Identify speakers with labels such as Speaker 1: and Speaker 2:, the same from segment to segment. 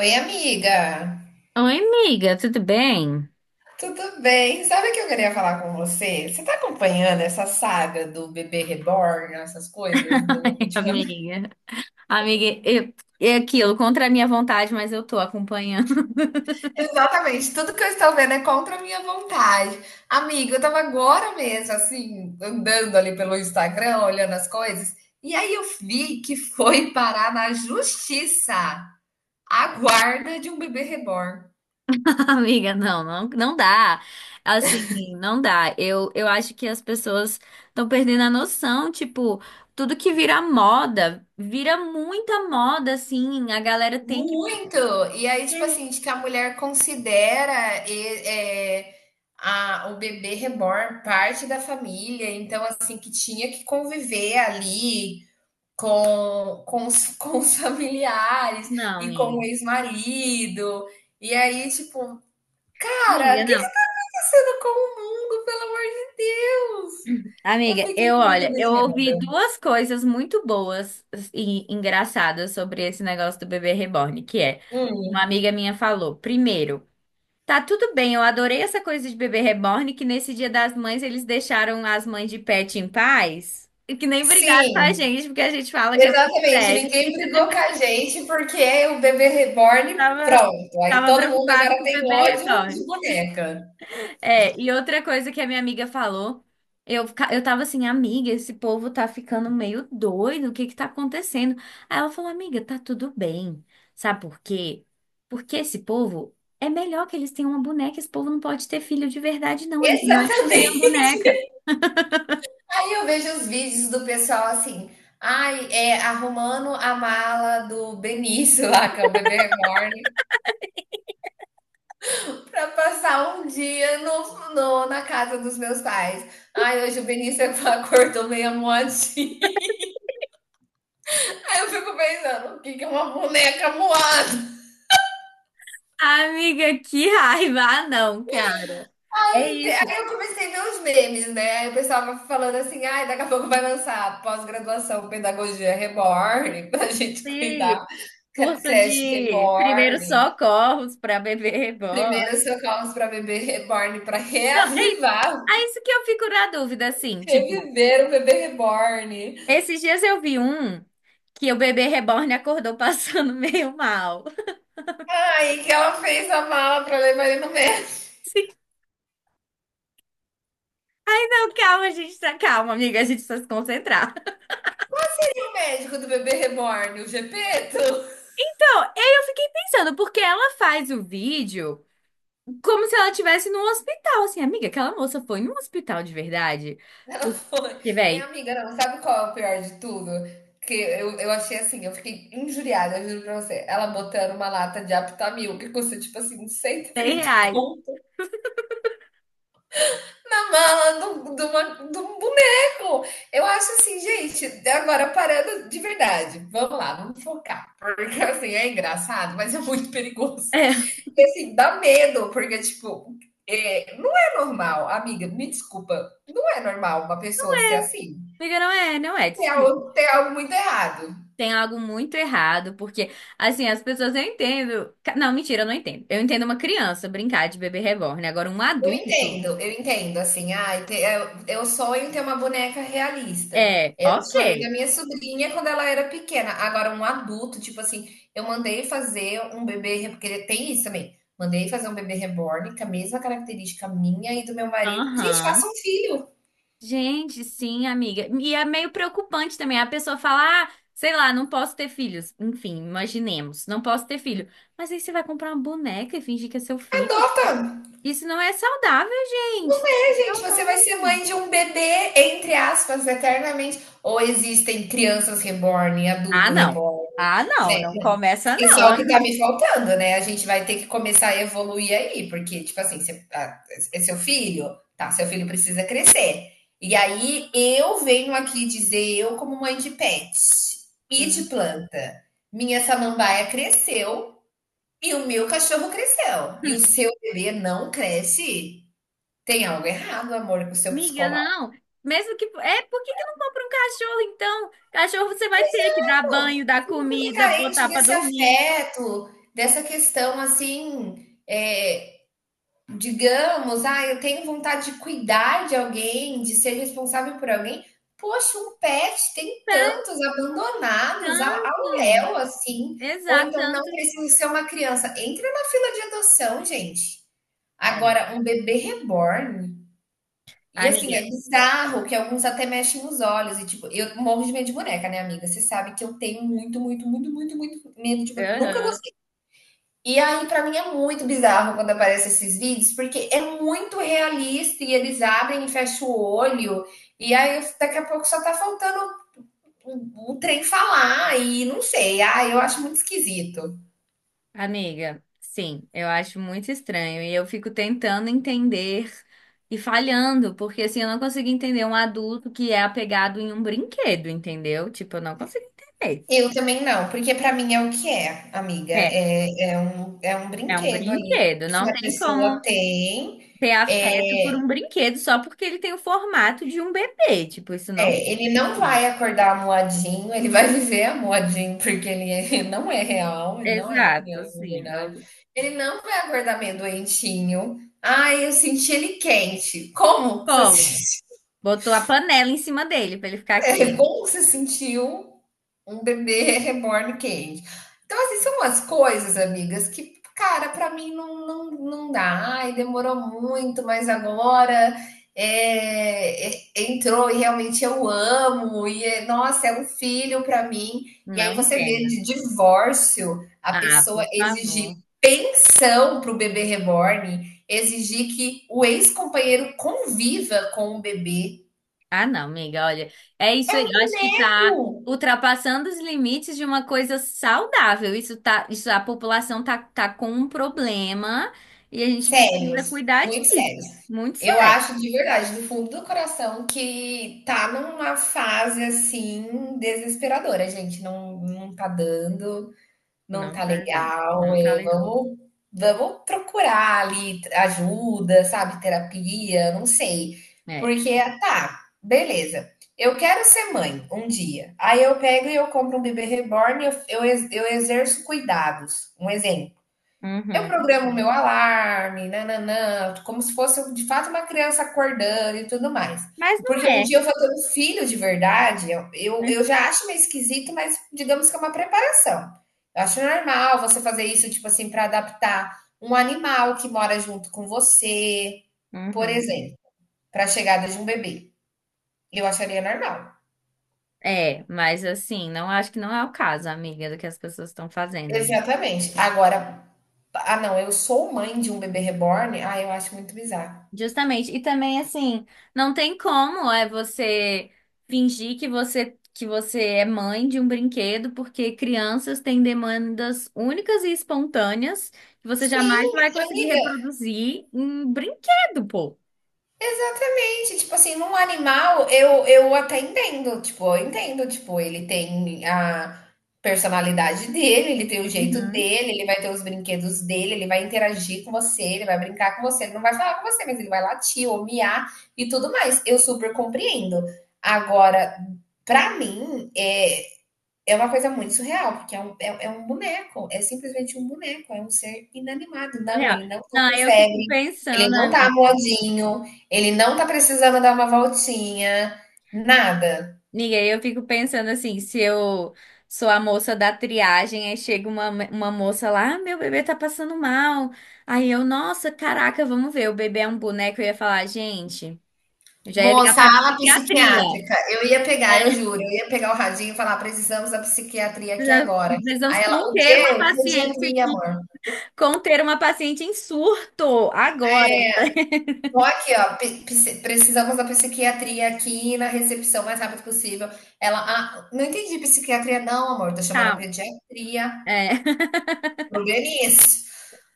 Speaker 1: Oi, amiga!
Speaker 2: Oi, amiga, tudo bem?
Speaker 1: Tudo bem? Sabe o que eu queria falar com você? Você tá acompanhando essa saga do bebê reborn, essas coisas do
Speaker 2: Ai,
Speaker 1: ultimamente?
Speaker 2: amiga. Amiga, é aquilo, contra a minha vontade, mas eu tô acompanhando.
Speaker 1: Exatamente, tudo que eu estou vendo é contra a minha vontade. Amiga, eu tava agora mesmo, assim, andando ali pelo Instagram, olhando as coisas, e aí eu vi que foi parar na justiça a guarda de um bebê reborn.
Speaker 2: Amiga, não, não, não dá. Assim, não dá. Eu acho que as pessoas estão perdendo a noção, tipo, tudo que vira moda, vira muita moda, assim, a galera tem que...
Speaker 1: Muito! E aí, tipo assim, de que a mulher considera é, o bebê reborn parte da família, então, assim, que tinha que conviver ali com, com os familiares
Speaker 2: Não,
Speaker 1: e com o
Speaker 2: amiga.
Speaker 1: ex-marido. E aí, tipo, cara,
Speaker 2: Amiga,
Speaker 1: o que que tá
Speaker 2: não.
Speaker 1: acontecendo com o mundo, pelo amor de Deus? Eu
Speaker 2: Amiga,
Speaker 1: fiquei muito
Speaker 2: olha, eu ouvi
Speaker 1: abismada.
Speaker 2: duas coisas muito boas e engraçadas sobre esse negócio do bebê reborn, que é. Uma
Speaker 1: Hum,
Speaker 2: amiga minha falou: primeiro, tá tudo bem, eu adorei essa coisa de bebê reborn, que nesse Dia das Mães eles deixaram as mães de pet em paz, e que nem brigaram com a
Speaker 1: sim.
Speaker 2: gente, porque a gente fala que é mãe de
Speaker 1: Exatamente,
Speaker 2: pet.
Speaker 1: ninguém brigou com a gente porque o bebê reborn,
Speaker 2: Tava,
Speaker 1: pronto. Aí
Speaker 2: tava
Speaker 1: todo mundo
Speaker 2: preocupado
Speaker 1: agora
Speaker 2: com o
Speaker 1: tem
Speaker 2: bebê
Speaker 1: ódio de
Speaker 2: reborn.
Speaker 1: boneca.
Speaker 2: É, e outra coisa que a minha amiga falou, eu tava assim, amiga, esse povo tá ficando meio doido, o que que tá acontecendo? Aí ela falou, amiga, tá tudo bem. Sabe por quê? Porque esse povo, é melhor que eles tenham uma boneca, esse povo não pode ter filho de verdade, não, é melhor eles terem uma
Speaker 1: Exatamente.
Speaker 2: boneca.
Speaker 1: Aí eu vejo os vídeos do pessoal assim, ai, é, arrumando a mala do Benício lá, que é o bebê reborn, pra passar um dia na casa dos meus pais. Ai, hoje o Benício acordou meio moadinho. Aí eu fico pensando, o que que é uma boneca moada?
Speaker 2: Amiga, que raiva! Ah, não, cara. É
Speaker 1: Aí
Speaker 2: isso.
Speaker 1: eu comecei a ver os memes, né? Aí o pessoal vai falando assim, ai, daqui a pouco vai lançar pós-graduação Pedagogia Reborn, pra gente cuidar,
Speaker 2: Sim, curso
Speaker 1: creche
Speaker 2: de primeiros
Speaker 1: Reborn,
Speaker 2: socorros pra bebê reborn.
Speaker 1: primeiros socorros para bebê Reborn, para
Speaker 2: Não, é isso.
Speaker 1: reavivar,
Speaker 2: É isso que eu fico na dúvida, assim, tipo.
Speaker 1: reviver o bebê Reborn.
Speaker 2: Esses dias eu vi um que o bebê reborn acordou passando meio mal.
Speaker 1: Ai, que ela fez a mala para levar ele no médico.
Speaker 2: Sim, não, calma, gente, tá calma, amiga, a gente precisa se concentrar.
Speaker 1: Qual seria o médico do bebê Reborn? O Gepeto?
Speaker 2: Então, eu fiquei pensando, porque ela faz o vídeo como se ela estivesse num hospital, assim, amiga, aquela moça foi num hospital de verdade?
Speaker 1: Ela foi.
Speaker 2: Porque,
Speaker 1: E
Speaker 2: véi,
Speaker 1: amiga, não, sabe qual é o pior de tudo? Que eu achei assim, eu fiquei injuriada, eu juro pra você. Ela botando uma lata de Aptamil, que custa tipo assim, cento e
Speaker 2: 100
Speaker 1: trinta
Speaker 2: reais.
Speaker 1: conto, na mala de um boneco. Eu acho assim, gente, agora parando de verdade. Vamos lá, vamos focar. Porque assim, é engraçado, mas é muito perigoso.
Speaker 2: É,
Speaker 1: E assim, dá medo, porque tipo, é, não é normal, amiga, me desculpa, não é normal uma pessoa ser assim.
Speaker 2: amiga, não é, não é, desculpa.
Speaker 1: Tem algo muito errado.
Speaker 2: Tem algo muito errado, porque, assim, as pessoas eu entendo. Não, mentira, eu não entendo. Eu entendo uma criança brincar de bebê reborn, agora um adulto.
Speaker 1: Eu entendo, assim, ai, eu sonho em ter uma boneca realista.
Speaker 2: É,
Speaker 1: Era o
Speaker 2: ok.
Speaker 1: sonho da minha sobrinha quando ela era pequena. Agora, um adulto, tipo assim, eu mandei fazer um bebê, porque tem isso também. Mandei fazer um bebê reborn com a mesma característica minha e do meu marido. Gente, faça
Speaker 2: Aham.
Speaker 1: um filho.
Speaker 2: Gente, sim, amiga. E é meio preocupante também. A pessoa fala, ah, sei lá, não posso ter filhos. Enfim, imaginemos, não posso ter filho. Mas aí você vai comprar uma boneca e fingir que é seu filho?
Speaker 1: Adota.
Speaker 2: Isso não é saudável, gente.
Speaker 1: É, gente,
Speaker 2: Não.
Speaker 1: você vai ser mãe de um bebê, entre aspas, eternamente. Ou existem crianças reborn,
Speaker 2: Ah,
Speaker 1: adulto
Speaker 2: não.
Speaker 1: reborn,
Speaker 2: Ah,
Speaker 1: né?
Speaker 2: não, não começa
Speaker 1: Isso
Speaker 2: não.
Speaker 1: é o
Speaker 2: ah.
Speaker 1: que tá me faltando, né, a gente vai ter que começar a evoluir aí, porque, tipo assim, você ah, é seu filho? Tá, seu filho precisa crescer. E aí eu venho aqui dizer, eu como mãe de pet e de
Speaker 2: Hum.
Speaker 1: planta, minha samambaia cresceu e o meu cachorro cresceu, e o seu bebê não cresce? Tem algo errado, amor, com o seu
Speaker 2: Amiga,
Speaker 1: psicólogo.
Speaker 2: não. Mesmo que. É, por que que não compra um cachorro, então? Cachorro você vai ter que dar banho, dar
Speaker 1: Se você é
Speaker 2: comida, botar
Speaker 1: carente
Speaker 2: pra
Speaker 1: desse
Speaker 2: dormir.
Speaker 1: afeto, dessa questão, assim, digamos, ah, eu tenho vontade de cuidar de alguém, de ser responsável por alguém. Poxa, um pet tem
Speaker 2: Pera,
Speaker 1: tantos abandonados ao
Speaker 2: cansa.
Speaker 1: léu, assim. Ou
Speaker 2: Exato,
Speaker 1: então não
Speaker 2: tanto.
Speaker 1: precisa ser uma criança. Entra na fila de adoção, gente.
Speaker 2: É,
Speaker 1: Agora, um bebê reborn. E assim,
Speaker 2: amiga.
Speaker 1: é bizarro que alguns até mexem nos olhos. E tipo, eu morro de medo de boneca, né, amiga? Você sabe que eu tenho muito, muito, muito, muito, muito medo de boneca. Nunca
Speaker 2: Aham.
Speaker 1: e aí, pra mim, é muito bizarro quando aparecem esses vídeos, porque é muito realista e eles abrem e fecham o olho, e aí daqui a pouco só tá faltando o trem falar, e não sei, ah, eu acho muito esquisito.
Speaker 2: Amiga, sim, eu acho muito estranho e eu fico tentando entender e falhando, porque assim, eu não consigo entender um adulto que é apegado em um brinquedo, entendeu? Tipo, eu não consigo entender.
Speaker 1: Eu também não, porque pra mim é o que é, amiga,
Speaker 2: É,
Speaker 1: é um
Speaker 2: é um
Speaker 1: brinquedo ali
Speaker 2: brinquedo,
Speaker 1: que
Speaker 2: não
Speaker 1: a
Speaker 2: tem
Speaker 1: pessoa
Speaker 2: como
Speaker 1: tem,
Speaker 2: ter
Speaker 1: é,
Speaker 2: afeto por um brinquedo só porque ele tem o formato de um bebê, tipo, isso não
Speaker 1: É, ele não
Speaker 2: precisa.
Speaker 1: vai acordar moadinho, ele vai viver moadinho porque não é real, ele não é uma
Speaker 2: Exato,
Speaker 1: criança de
Speaker 2: assim,
Speaker 1: verdade.
Speaker 2: no
Speaker 1: Ele não vai acordar meio doentinho. Ai, eu senti ele quente. Como que você
Speaker 2: polo,
Speaker 1: sentiu?
Speaker 2: botou a panela em cima dele pra ele ficar
Speaker 1: É,
Speaker 2: quente.
Speaker 1: como você sentiu um bebê reborn quente? Então, assim, são umas coisas, amigas, que, cara, pra mim não dá. Ai, demorou muito, mas agora é, é, entrou e realmente eu amo. E, é, nossa, é um filho pra mim. E
Speaker 2: Não
Speaker 1: aí você vê
Speaker 2: entendo.
Speaker 1: de divórcio a
Speaker 2: Ah,
Speaker 1: pessoa
Speaker 2: por
Speaker 1: exigir
Speaker 2: favor.
Speaker 1: pensão pro bebê reborn, exigir que o ex-companheiro conviva com o bebê.
Speaker 2: Ah, não, amiga, olha, é isso aí. Eu acho que tá ultrapassando os limites de uma coisa saudável. Isso tá, isso a população tá com um problema e a gente precisa
Speaker 1: Sérios,
Speaker 2: cuidar
Speaker 1: muito
Speaker 2: disso.
Speaker 1: sérios.
Speaker 2: Muito
Speaker 1: Eu
Speaker 2: sério.
Speaker 1: acho de verdade, do fundo do coração, que tá numa fase assim desesperadora, gente. Não tá dando, não
Speaker 2: Não
Speaker 1: tá
Speaker 2: tá dando.
Speaker 1: legal.
Speaker 2: Não tá
Speaker 1: É,
Speaker 2: legal.
Speaker 1: vamos, vamos procurar ali ajuda, sabe? Terapia, não sei.
Speaker 2: É.
Speaker 1: Porque tá, beleza. Eu quero ser mãe um dia. Aí eu pego e eu compro um bebê reborn e eu exerço cuidados. Um exemplo. Eu
Speaker 2: Uhum.
Speaker 1: programo o meu alarme, nananã, como se fosse de fato uma criança acordando e tudo mais.
Speaker 2: Mas
Speaker 1: Porque
Speaker 2: não
Speaker 1: um
Speaker 2: é.
Speaker 1: dia eu vou ter um filho de verdade,
Speaker 2: Né?
Speaker 1: eu já acho meio esquisito, mas digamos que é uma preparação. Eu acho normal você fazer isso, tipo assim, para adaptar um animal que mora junto com você, por
Speaker 2: Uhum.
Speaker 1: exemplo, para a chegada de um bebê. Eu acharia normal.
Speaker 2: É, mas assim, não acho que não é o caso, amiga, do que as pessoas estão fazendo.
Speaker 1: Exatamente. Agora, ah, não, eu sou mãe de um bebê reborn, ah, eu acho muito bizarro.
Speaker 2: Justamente. E também assim, não tem como é você fingir que você é mãe de um brinquedo, porque crianças têm demandas únicas e espontâneas que você jamais
Speaker 1: Sim,
Speaker 2: vai conseguir
Speaker 1: amiga,
Speaker 2: reproduzir em brinquedo, pô.
Speaker 1: Exatamente, tipo assim, num animal eu até entendo, tipo, eu entendo, tipo, ele tem a personalidade dele, ele tem o jeito
Speaker 2: Uhum.
Speaker 1: dele, ele vai ter os brinquedos dele, ele vai interagir com você, ele vai brincar com você, ele não vai falar com você, mas ele vai latir ou miar e tudo mais. Eu super compreendo. Agora, pra mim, é uma coisa muito surreal, porque é um boneco, é simplesmente um boneco, é um ser inanimado. Não,
Speaker 2: Real.
Speaker 1: ele não tá
Speaker 2: Não,
Speaker 1: com
Speaker 2: aí eu fico
Speaker 1: febre, ele
Speaker 2: pensando,
Speaker 1: não tá
Speaker 2: amiga.
Speaker 1: amuadinho, ele não tá precisando dar uma voltinha, nada.
Speaker 2: E eu fico pensando assim, se eu sou a moça da triagem, aí chega uma moça lá, ah, meu bebê tá passando mal. Aí eu, nossa, caraca, vamos ver, o bebê é um boneco. Eu ia falar, gente, eu já ia ligar
Speaker 1: Moça,
Speaker 2: pra
Speaker 1: a ala
Speaker 2: psiquiatria.
Speaker 1: psiquiátrica, eu ia pegar, eu
Speaker 2: É,
Speaker 1: juro, eu ia pegar o radinho e falar: "Precisamos da psiquiatria aqui
Speaker 2: precisa-
Speaker 1: agora".
Speaker 2: precisamos
Speaker 1: Aí ela: "O quê? O pediatria, amor".
Speaker 2: conter uma paciente em surto agora,
Speaker 1: Tô aqui, ó. Precisamos da psiquiatria aqui na recepção o mais rápido possível. Ela, ah, não entendi psiquiatria, não, amor. Tô chamando a
Speaker 2: tá?
Speaker 1: pediatria.
Speaker 2: É,
Speaker 1: Problema é esse.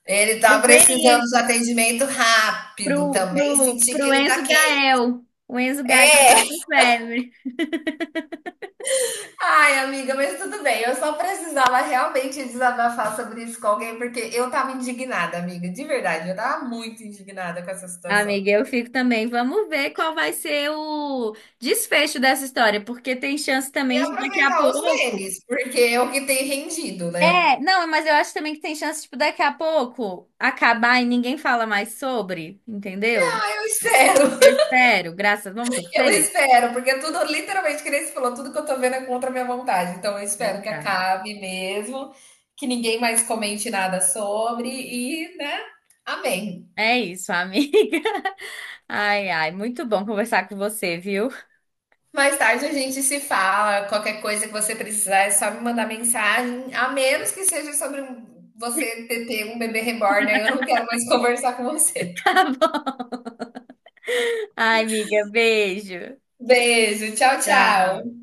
Speaker 1: Ele tá
Speaker 2: pro, Veri-
Speaker 1: precisando de atendimento rápido
Speaker 2: pro,
Speaker 1: também.
Speaker 2: pro,
Speaker 1: Senti que
Speaker 2: pro
Speaker 1: ele tá
Speaker 2: Enzo
Speaker 1: quente.
Speaker 2: Gael, o Enzo Gael é um febre.
Speaker 1: Ai, amiga, mas tudo bem. Eu só precisava realmente desabafar sobre isso com alguém, porque eu tava indignada, amiga. De verdade, eu tava muito indignada com essa situação.
Speaker 2: Amiga, eu fico também. Vamos ver qual vai ser o desfecho dessa história, porque tem chance
Speaker 1: E
Speaker 2: também de daqui a
Speaker 1: aproveitar os
Speaker 2: pouco.
Speaker 1: memes, porque é o que tem rendido,
Speaker 2: É,
Speaker 1: né?
Speaker 2: não, mas eu acho também que tem chance, tipo, daqui a pouco acabar e ninguém fala mais sobre, entendeu?
Speaker 1: Eu espero.
Speaker 2: Eu espero, graças, vamos
Speaker 1: Eu
Speaker 2: torcer?
Speaker 1: espero, porque tudo, literalmente, que nem você falou, tudo que eu tô vendo é contra a minha vontade. Então, eu espero que
Speaker 2: Exato.
Speaker 1: acabe mesmo, que ninguém mais comente nada sobre e, né? Amém.
Speaker 2: É isso, amiga. Ai, ai, muito bom conversar com você, viu?
Speaker 1: Mais tarde a gente se fala. Qualquer coisa que você precisar, é só me mandar mensagem, a menos que seja sobre um, você ter um bebê reborn. Aí eu não quero mais conversar com você.
Speaker 2: Tá bom. Ai, amiga, beijo.
Speaker 1: Beijo, tchau,
Speaker 2: Tchau.
Speaker 1: tchau.